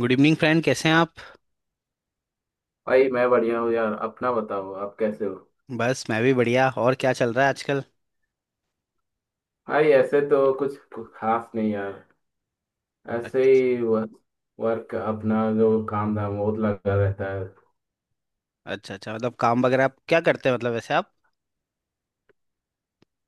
Good evening, friend. कैसे हैं आप? भाई मैं बढ़िया हूँ यार। अपना बताओ आप कैसे हो। बस मैं भी बढ़िया। और क्या चल रहा है आजकल? भाई ऐसे तो कुछ खास नहीं यार। ऐसे अच्छ- ही वर्क अपना जो काम धाम वो लगा रहता है। अच्छा अच्छा, मतलब काम वगैरह आप क्या करते हैं, मतलब वैसे आप?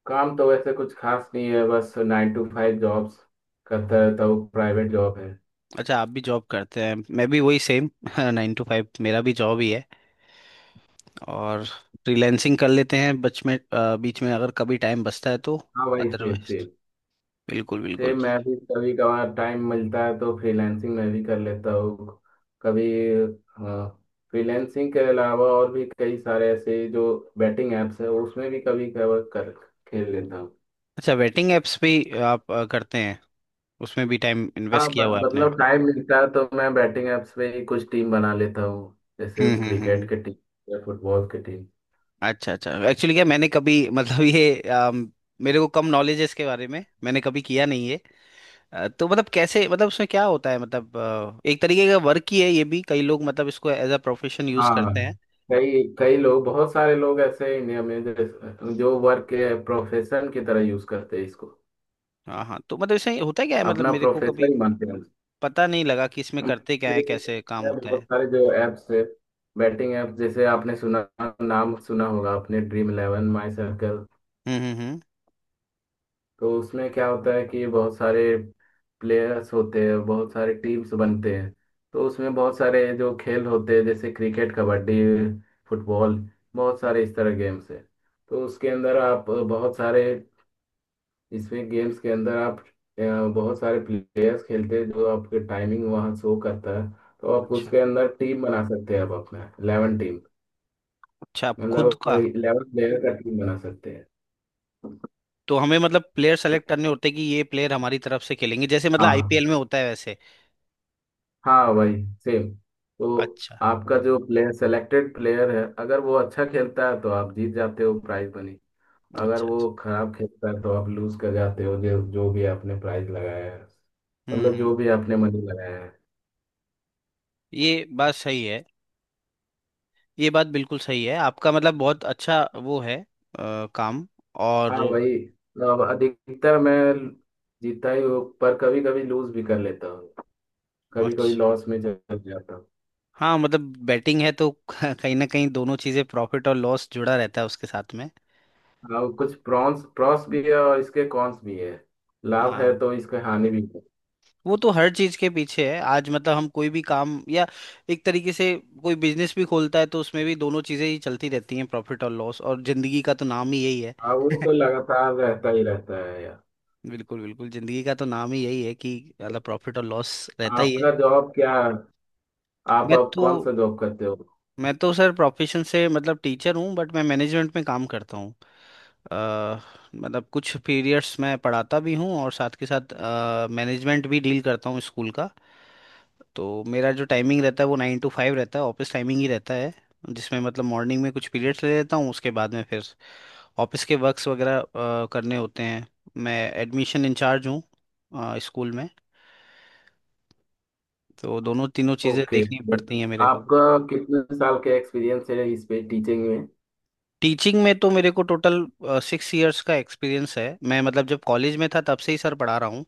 काम तो वैसे कुछ खास नहीं है, बस 9 to 5 जॉब्स करता रहता हूँ। प्राइवेट जॉब है। अच्छा, आप भी जॉब करते हैं। मैं भी वही सेम 9 to 5 मेरा भी जॉब ही है। और फ्रीलैंसिंग कर लेते हैं बीच में, अगर कभी टाइम बचता है तो। हाँ भाई, सेम अदरवाइज, सेम। बिल्कुल बिल्कुल। सेम, मैं भी कभी कभार टाइम मिलता है तो फ्रीलांसिंग में भी कर लेता हूँ कभी। फ्रीलांसिंग के अलावा और भी कई सारे ऐसे जो बैटिंग एप्स है उसमें भी कभी कभार कर खेल लेता हूँ। अच्छा, वेटिंग एप्स भी आप करते हैं? उसमें भी टाइम हाँ इन्वेस्ट किया हुआ है आपने। मतलब टाइम मिलता है तो मैं बैटिंग एप्स पे ही कुछ टीम बना लेता हूँ जैसे हम्म हम्म हम्म क्रिकेट हम्म। की टीम या फुटबॉल की टीम। अच्छा अच्छा, एक्चुअली क्या, मैंने कभी मतलब ये, मेरे को कम नॉलेज है इसके बारे में, मैंने कभी किया नहीं है। तो मतलब कैसे, मतलब उसमें क्या होता है, मतलब एक तरीके का वर्क ही है ये भी। कई लोग मतलब इसको एज अ प्रोफेशन यूज हाँ करते हैं। कई कई लोग, बहुत सारे लोग ऐसे हैं इंडिया में जो वर्क के प्रोफेशन की तरह यूज करते हैं इसको, हाँ हाँ, तो मतलब इसमें होता क्या है, मतलब अपना मेरे को कभी प्रोफेशन ही मानते हैं। पता नहीं लगा कि इसमें करते क्या है, कैसे काम मैं होता बहुत है। सारे जो एप्स है, बैटिंग एप्स, जैसे आपने सुना, नाम सुना होगा आपने, Dream11, माई सर्कल। हम्म। तो उसमें क्या होता है कि बहुत सारे प्लेयर्स होते हैं, बहुत सारे टीम्स बनते हैं। तो उसमें बहुत सारे जो खेल होते हैं जैसे क्रिकेट, कबड्डी, फुटबॉल, बहुत सारे इस तरह गेम्स हैं। तो उसके अंदर आप बहुत सारे, इसमें गेम्स के अंदर आप अ, बहुत सारे प्लेयर्स खेलते हैं जो आपके टाइमिंग वहाँ शो करता है। तो आप अच्छा उसके अंदर टीम बना सकते हैं, आप अपना 11 टीम, अच्छा। आप खुद मतलब का? 11 प्लेयर का टीम बना सकते हैं। तो हमें मतलब प्लेयर तो सेलेक्ट करने होते हैं कि ये प्लेयर हमारी तरफ से खेलेंगे, जैसे मतलब हाँ, आईपीएल में होता है वैसे? हाँ भाई, सेम। तो अच्छा। आपका जो प्लेयर सेलेक्टेड प्लेयर है अगर वो अच्छा खेलता है तो आप जीत जाते हो प्राइज मनी। अगर अच्छा अच्छा। वो खराब खेलता है तो आप लूज कर जाते हो जो जो भी आपने प्राइज लगाया है, मतलब जो हम्म, भी आपने मनी लगाया है। ये बात सही है। ये बात बिल्कुल सही है, आपका मतलब बहुत अच्छा वो है काम। और? हाँ भाई, अब अधिकतर मैं जीतता ही हूँ पर कभी कभी लूज भी कर लेता हूँ, कभी कभी अच्छा। लॉस में चल जाता हूँ। हाँ मतलब बैटिंग है तो कहीं ना कहीं दोनों चीजें, प्रॉफिट और लॉस, जुड़ा रहता है उसके साथ में। हाँ कुछ प्रॉन्स प्रॉस भी है और इसके कॉन्स भी है। लाभ है हाँ, तो इसके हानि भी है। वो तो हर चीज के पीछे है। आज मतलब हम कोई भी काम, या एक तरीके से कोई बिजनेस भी खोलता है, तो उसमें भी दोनों चीजें ही चलती रहती हैं, प्रॉफिट और लॉस। और जिंदगी का तो नाम ही यही है। हाँ वो तो लगातार रहता ही रहता है यार। बिल्कुल बिल्कुल, जिंदगी का तो नाम ही यही है कि मतलब प्रॉफिट और लॉस रहता ही है। आपका जॉब क्या आप मैं अब तो कौन सा जॉब करते हो। मैं तो सर प्रोफेशन से मतलब टीचर हूँ, बट मैं मैनेजमेंट में काम करता हूँ। अ, मतलब कुछ पीरियड्स मैं पढ़ाता भी हूँ, और साथ के साथ मैनेजमेंट भी डील करता हूँ स्कूल का। तो मेरा जो टाइमिंग रहता है वो 9 to 5 रहता है, ऑफिस टाइमिंग ही रहता है। जिसमें मतलब मॉर्निंग में कुछ पीरियड्स ले लेता हूँ, उसके बाद में फिर ऑफिस के वर्क्स वगैरह करने होते हैं। मैं एडमिशन इंचार्ज हूँ स्कूल में। तो दोनों तीनों चीज़ें ओके। देखनी पड़ती हैं मेरे को। आपका कितने साल का एक्सपीरियंस है इस पे, टीचिंग में। टीचिंग में तो मेरे को टोटल 6 years का एक्सपीरियंस है। मैं मतलब जब कॉलेज में था तब से ही सर पढ़ा रहा हूँ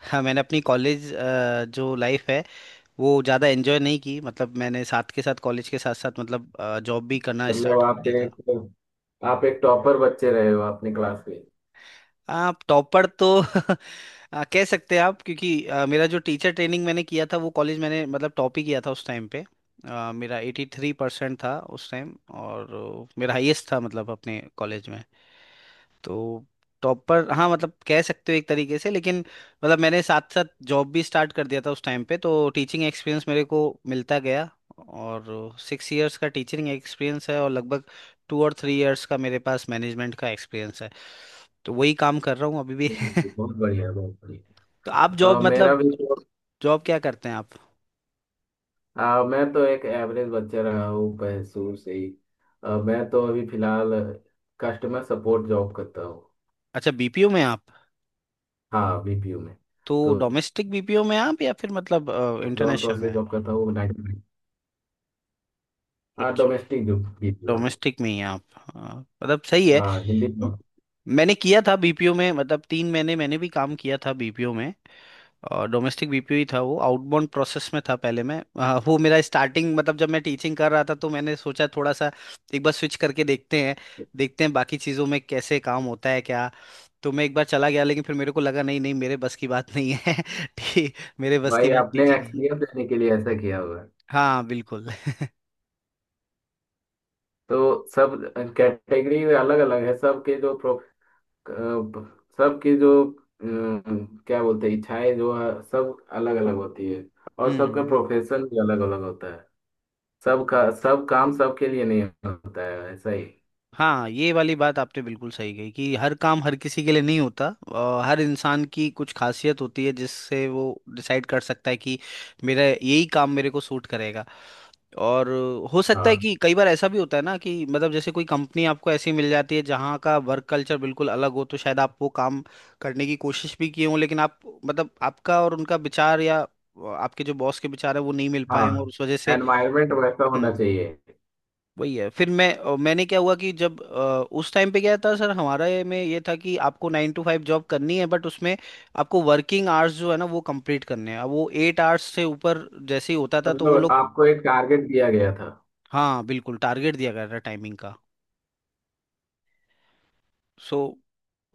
हाँ, मैंने अपनी कॉलेज जो लाइफ है, वो ज़्यादा एंजॉय नहीं की। मतलब मैंने साथ के साथ कॉलेज के साथ साथ मतलब जॉब भी करना मतलब स्टार्ट कर दिया था। आप एक टॉपर बच्चे रहे हो अपनी क्लास में। आप टॉपर, तो कह सकते हैं आप, क्योंकि मेरा जो टीचर ट्रेनिंग मैंने किया था वो कॉलेज मैंने मतलब टॉप ही किया था उस टाइम पे। मेरा 83% था उस टाइम। और मेरा हाईएस्ट था मतलब अपने कॉलेज में। तो टॉप पर, हाँ मतलब कह सकते हो एक तरीके से, लेकिन मतलब मैंने साथ साथ जॉब भी स्टार्ट कर दिया था उस टाइम पे। तो टीचिंग एक्सपीरियंस मेरे को मिलता गया। और 6 years का टीचिंग एक्सपीरियंस है, और लगभग 2 and 3 years का मेरे पास मैनेजमेंट का एक्सपीरियंस है। तो वही काम कर रहा हूँ अभी भी। जी, बहुत बढ़िया, बहुत बढ़िया। तो आप जॉब, मेरा मतलब भी तो, जॉब क्या करते हैं आप? मैं तो एक एवरेज बच्चा रहा हूँ शुरू से ही। मैं तो अभी फिलहाल कस्टमर सपोर्ट जॉब करता हूँ। अच्छा, बीपीओ में आप? हाँ बीपीयू में। तो तो डोमेस्टिक बीपीओ में आप, या फिर मतलब जॉन इंटरनेशनल प्रोसेस में? जॉब करता हूँ नाइट। हाँ अच्छा, डोमेस्टिक जो बीपीयू। डोमेस्टिक में ही हैं आप। हाँ, मतलब सही है। हाँ, हिंदी। मैंने किया था बीपीओ में, मतलब 3 महीने मैंने भी काम किया था बीपीओ में। और डोमेस्टिक बीपीओ ही था वो, आउटबाउंड प्रोसेस में था। पहले मैं वो मेरा स्टार्टिंग, मतलब जब मैं टीचिंग कर रहा था तो मैंने सोचा थोड़ा सा एक बार स्विच करके देखते हैं, देखते हैं बाकी चीज़ों में कैसे काम होता है क्या। तो मैं एक बार चला गया, लेकिन फिर मेरे को लगा नहीं नहीं, मेरे बस की बात नहीं है ठीक, मेरे बस की भाई, बात आपने टीचिंग ही है। एक्सपीरियंस देने के लिए ऐसा किया हुआ है। हाँ बिल्कुल। तो सब कैटेगरी अलग अलग है, सबके जो प्रो अ, सबकी जो क्या बोलते हैं, इच्छाएं जो है सब अलग अलग होती है, और हम्म सबका हम्म। प्रोफेशन भी अलग अलग होता है। सबका सब काम सबके लिए नहीं होता है ऐसा ही। हाँ, ये वाली बात आपने बिल्कुल सही कही कि हर काम हर किसी के लिए नहीं होता। हर इंसान की कुछ खासियत होती है जिससे वो डिसाइड कर सकता है कि मेरा यही काम मेरे को सूट करेगा। और हो सकता है हाँ, कि कई बार ऐसा भी होता है ना, कि मतलब जैसे कोई कंपनी आपको ऐसी मिल जाती है जहाँ का वर्क कल्चर बिल्कुल अलग हो, तो शायद आप वो काम करने की कोशिश भी किए हों, लेकिन आप मतलब आपका और उनका विचार, या आपके जो बॉस के विचार है वो नहीं मिल पाए हाँ, हों, और उस वजह एनवायरमेंट वैसा होना से चाहिए। वही है। फिर मैं, मैंने क्या हुआ कि जब उस टाइम पे गया था सर, हमारे में ये था कि आपको 9 to 5 जॉब करनी है, बट उसमें आपको वर्किंग आवर्स जो है ना वो कंप्लीट करने हैं। अब वो 8 hours से ऊपर जैसे ही होता था, तो वो मतलब लोग... आपको एक टारगेट दिया गया था। हाँ बिल्कुल, टारगेट दिया गया था टाइमिंग का। सो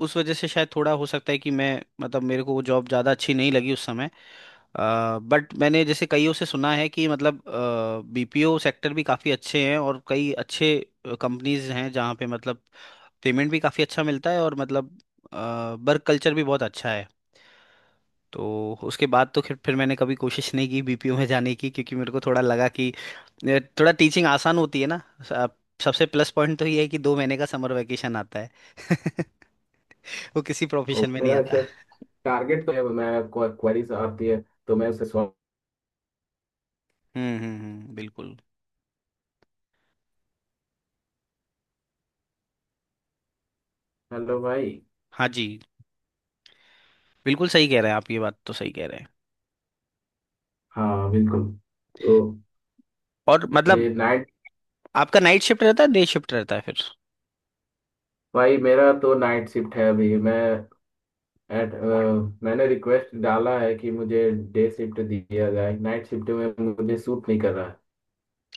उस वजह से शायद थोड़ा हो सकता है कि मैं, मतलब मेरे को वो जॉब ज़्यादा अच्छी नहीं लगी उस समय। बट मैंने जैसे कईयों से सुना है कि मतलब बीपीओ सेक्टर भी काफ़ी अच्छे हैं, और कई अच्छे कंपनीज हैं जहाँ पे मतलब पेमेंट भी काफ़ी अच्छा मिलता है और मतलब वर्क कल्चर भी बहुत अच्छा है। तो उसके बाद तो फिर मैंने कभी कोशिश नहीं की बीपीओ में जाने की, क्योंकि मेरे को थोड़ा लगा कि ये थोड़ा, टीचिंग आसान होती है ना। स- आप- सबसे प्लस पॉइंट तो ये है कि 2 महीने का समर वैकेशन आता है वो किसी तो प्रोफेशन में नहीं मेरा आता। ऐसा टारगेट तो है, मैं, क्वेरीज आती है तो मैं उसे सॉल्व। बिल्कुल। हेलो भाई। हाँ जी, बिल्कुल सही कह रहे हैं आप, ये बात तो सही कह रहे हैं। हाँ बिल्कुल। तो और मतलब ये नाइट। आपका नाइट शिफ्ट रहता है, डे शिफ्ट रहता है फिर? भाई मेरा तो नाइट शिफ्ट है अभी, मैं, मैंने रिक्वेस्ट डाला है कि मुझे डे शिफ्ट दिया जाए, नाइट शिफ्ट में मुझे सूट नहीं कर रहा है।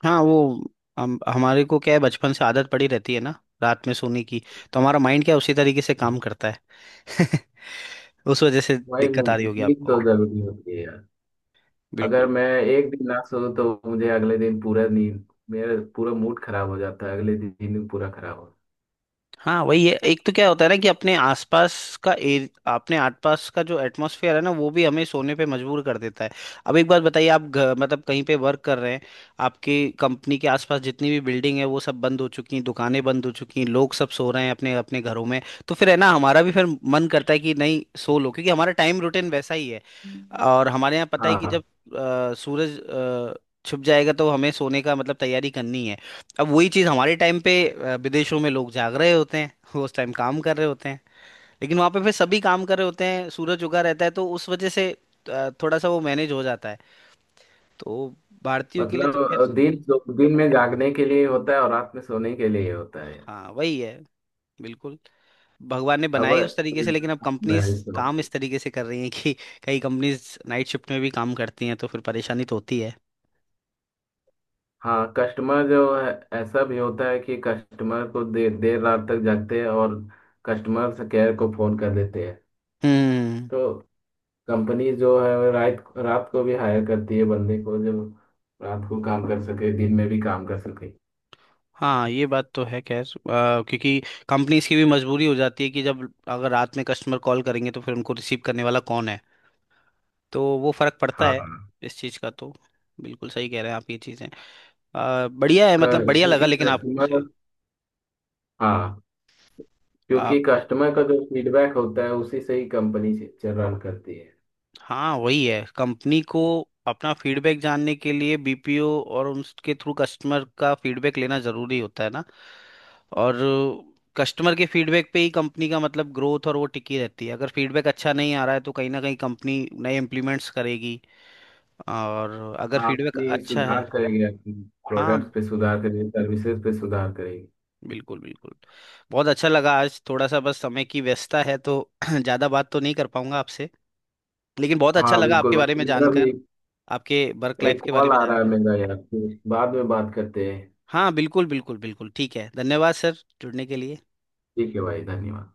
हाँ वो, हम हमारे को क्या है, बचपन से आदत पड़ी रहती है ना रात में सोने की। तो हमारा माइंड क्या है, उसी तरीके से काम करता है उस वजह से भाई दिक्कत आ रही होगी नींद आपको। तो जरूरी होती है यार। अगर बिल्कुल। मैं एक दिन ना सोऊं तो मुझे अगले दिन पूरा नींद, मेरा पूरा मूड खराब हो जाता है अगले दिन, पूरा खराब हो। हाँ वही है, एक तो क्या होता है ना कि अपने आसपास का अपने आसपास का जो एटमॉस्फेयर है ना वो भी हमें सोने पे मजबूर कर देता है। अब एक बात बताइए, आप मतलब कहीं पे वर्क कर रहे हैं, आपकी कंपनी के आसपास जितनी भी बिल्डिंग है वो सब बंद हो चुकी हैं, दुकानें बंद हो चुकी हैं, लोग सब सो रहे हैं अपने अपने घरों में। तो फिर है ना, हमारा भी फिर मन करता है कि नहीं सो लो, क्योंकि हमारा टाइम रूटीन वैसा ही है। और हमारे यहाँ पता है कि जब हाँ, सूरज छुप जाएगा तो हमें सोने का मतलब तैयारी करनी है। अब वही चीज हमारे टाइम पे, विदेशों में लोग जाग रहे होते हैं वो उस टाइम काम कर रहे होते हैं। लेकिन वहां पे फिर सभी काम कर रहे होते हैं, सूरज उगा रहता है, तो उस वजह से थोड़ा सा वो मैनेज हो जाता है। तो भारतीयों के लिए मतलब तो खैर... दिन, दिन में जागने के लिए होता है और रात में सोने के लिए होता है। हाँ वही है। बिल्कुल। भगवान ने अब बनाए उस तरीके से, लेकिन अब उल्टा कंपनीज है इस काम वक्त। इस तरीके से कर रही हैं कि कई कंपनीज नाइट शिफ्ट में भी काम करती हैं, तो फिर परेशानी तो होती है। हाँ कस्टमर जो है, ऐसा भी होता है कि कस्टमर को देर देर रात तक जागते हैं और कस्टमर से, केयर को फोन कर देते हैं। हम्म। तो कंपनी जो है वो रात रात को भी हायर करती है बंदे को जो रात को काम कर सके, दिन में भी काम कर सके। हाँ ये बात तो है। खैर क्योंकि कंपनीज की भी मजबूरी हो जाती है कि जब, अगर रात में कस्टमर कॉल करेंगे तो फिर उनको रिसीव करने वाला कौन है। तो वो फर्क पड़ता हाँ, है इस चीज का तो। बिल्कुल सही कह रहे हैं आप, ये चीजें बढ़िया है, मतलब बढ़िया लगा क्योंकि लेकिन कस्टमर। आपसे। हाँ, क्योंकि आप। कस्टमर का जो फीडबैक होता है उसी से ही कंपनी से रन करती है। हाँ वही है, कंपनी को अपना फीडबैक जानने के लिए बीपीओ, और उसके थ्रू कस्टमर का फीडबैक लेना जरूरी होता है ना। और कस्टमर के फीडबैक पे ही कंपनी का मतलब ग्रोथ और वो टिकी रहती है। अगर फीडबैक अच्छा नहीं आ रहा है तो कहीं ना कहीं कंपनी नए इम्प्लीमेंट्स करेगी, और अगर हाँ, फीडबैक अपनी अच्छा सुधार है... करेगी, अपनी प्रोडक्ट्स हाँ पे सुधार करेगी, सर्विसेज पे सुधार करेगी। बिल्कुल बिल्कुल। बहुत अच्छा लगा आज, थोड़ा सा बस समय की व्यस्तता है तो ज़्यादा बात तो नहीं कर पाऊंगा आपसे। लेकिन बहुत अच्छा हाँ लगा बिल्कुल आपके बारे भाई, में मेरा जानकर, भी आपके वर्क लाइफ एक के बारे कॉल में आ रहा है जानकर। मेरा यार, फिर बाद में बात करते हैं। हाँ बिल्कुल बिल्कुल बिल्कुल, ठीक है, धन्यवाद सर जुड़ने के लिए। ठीक है भाई, धन्यवाद।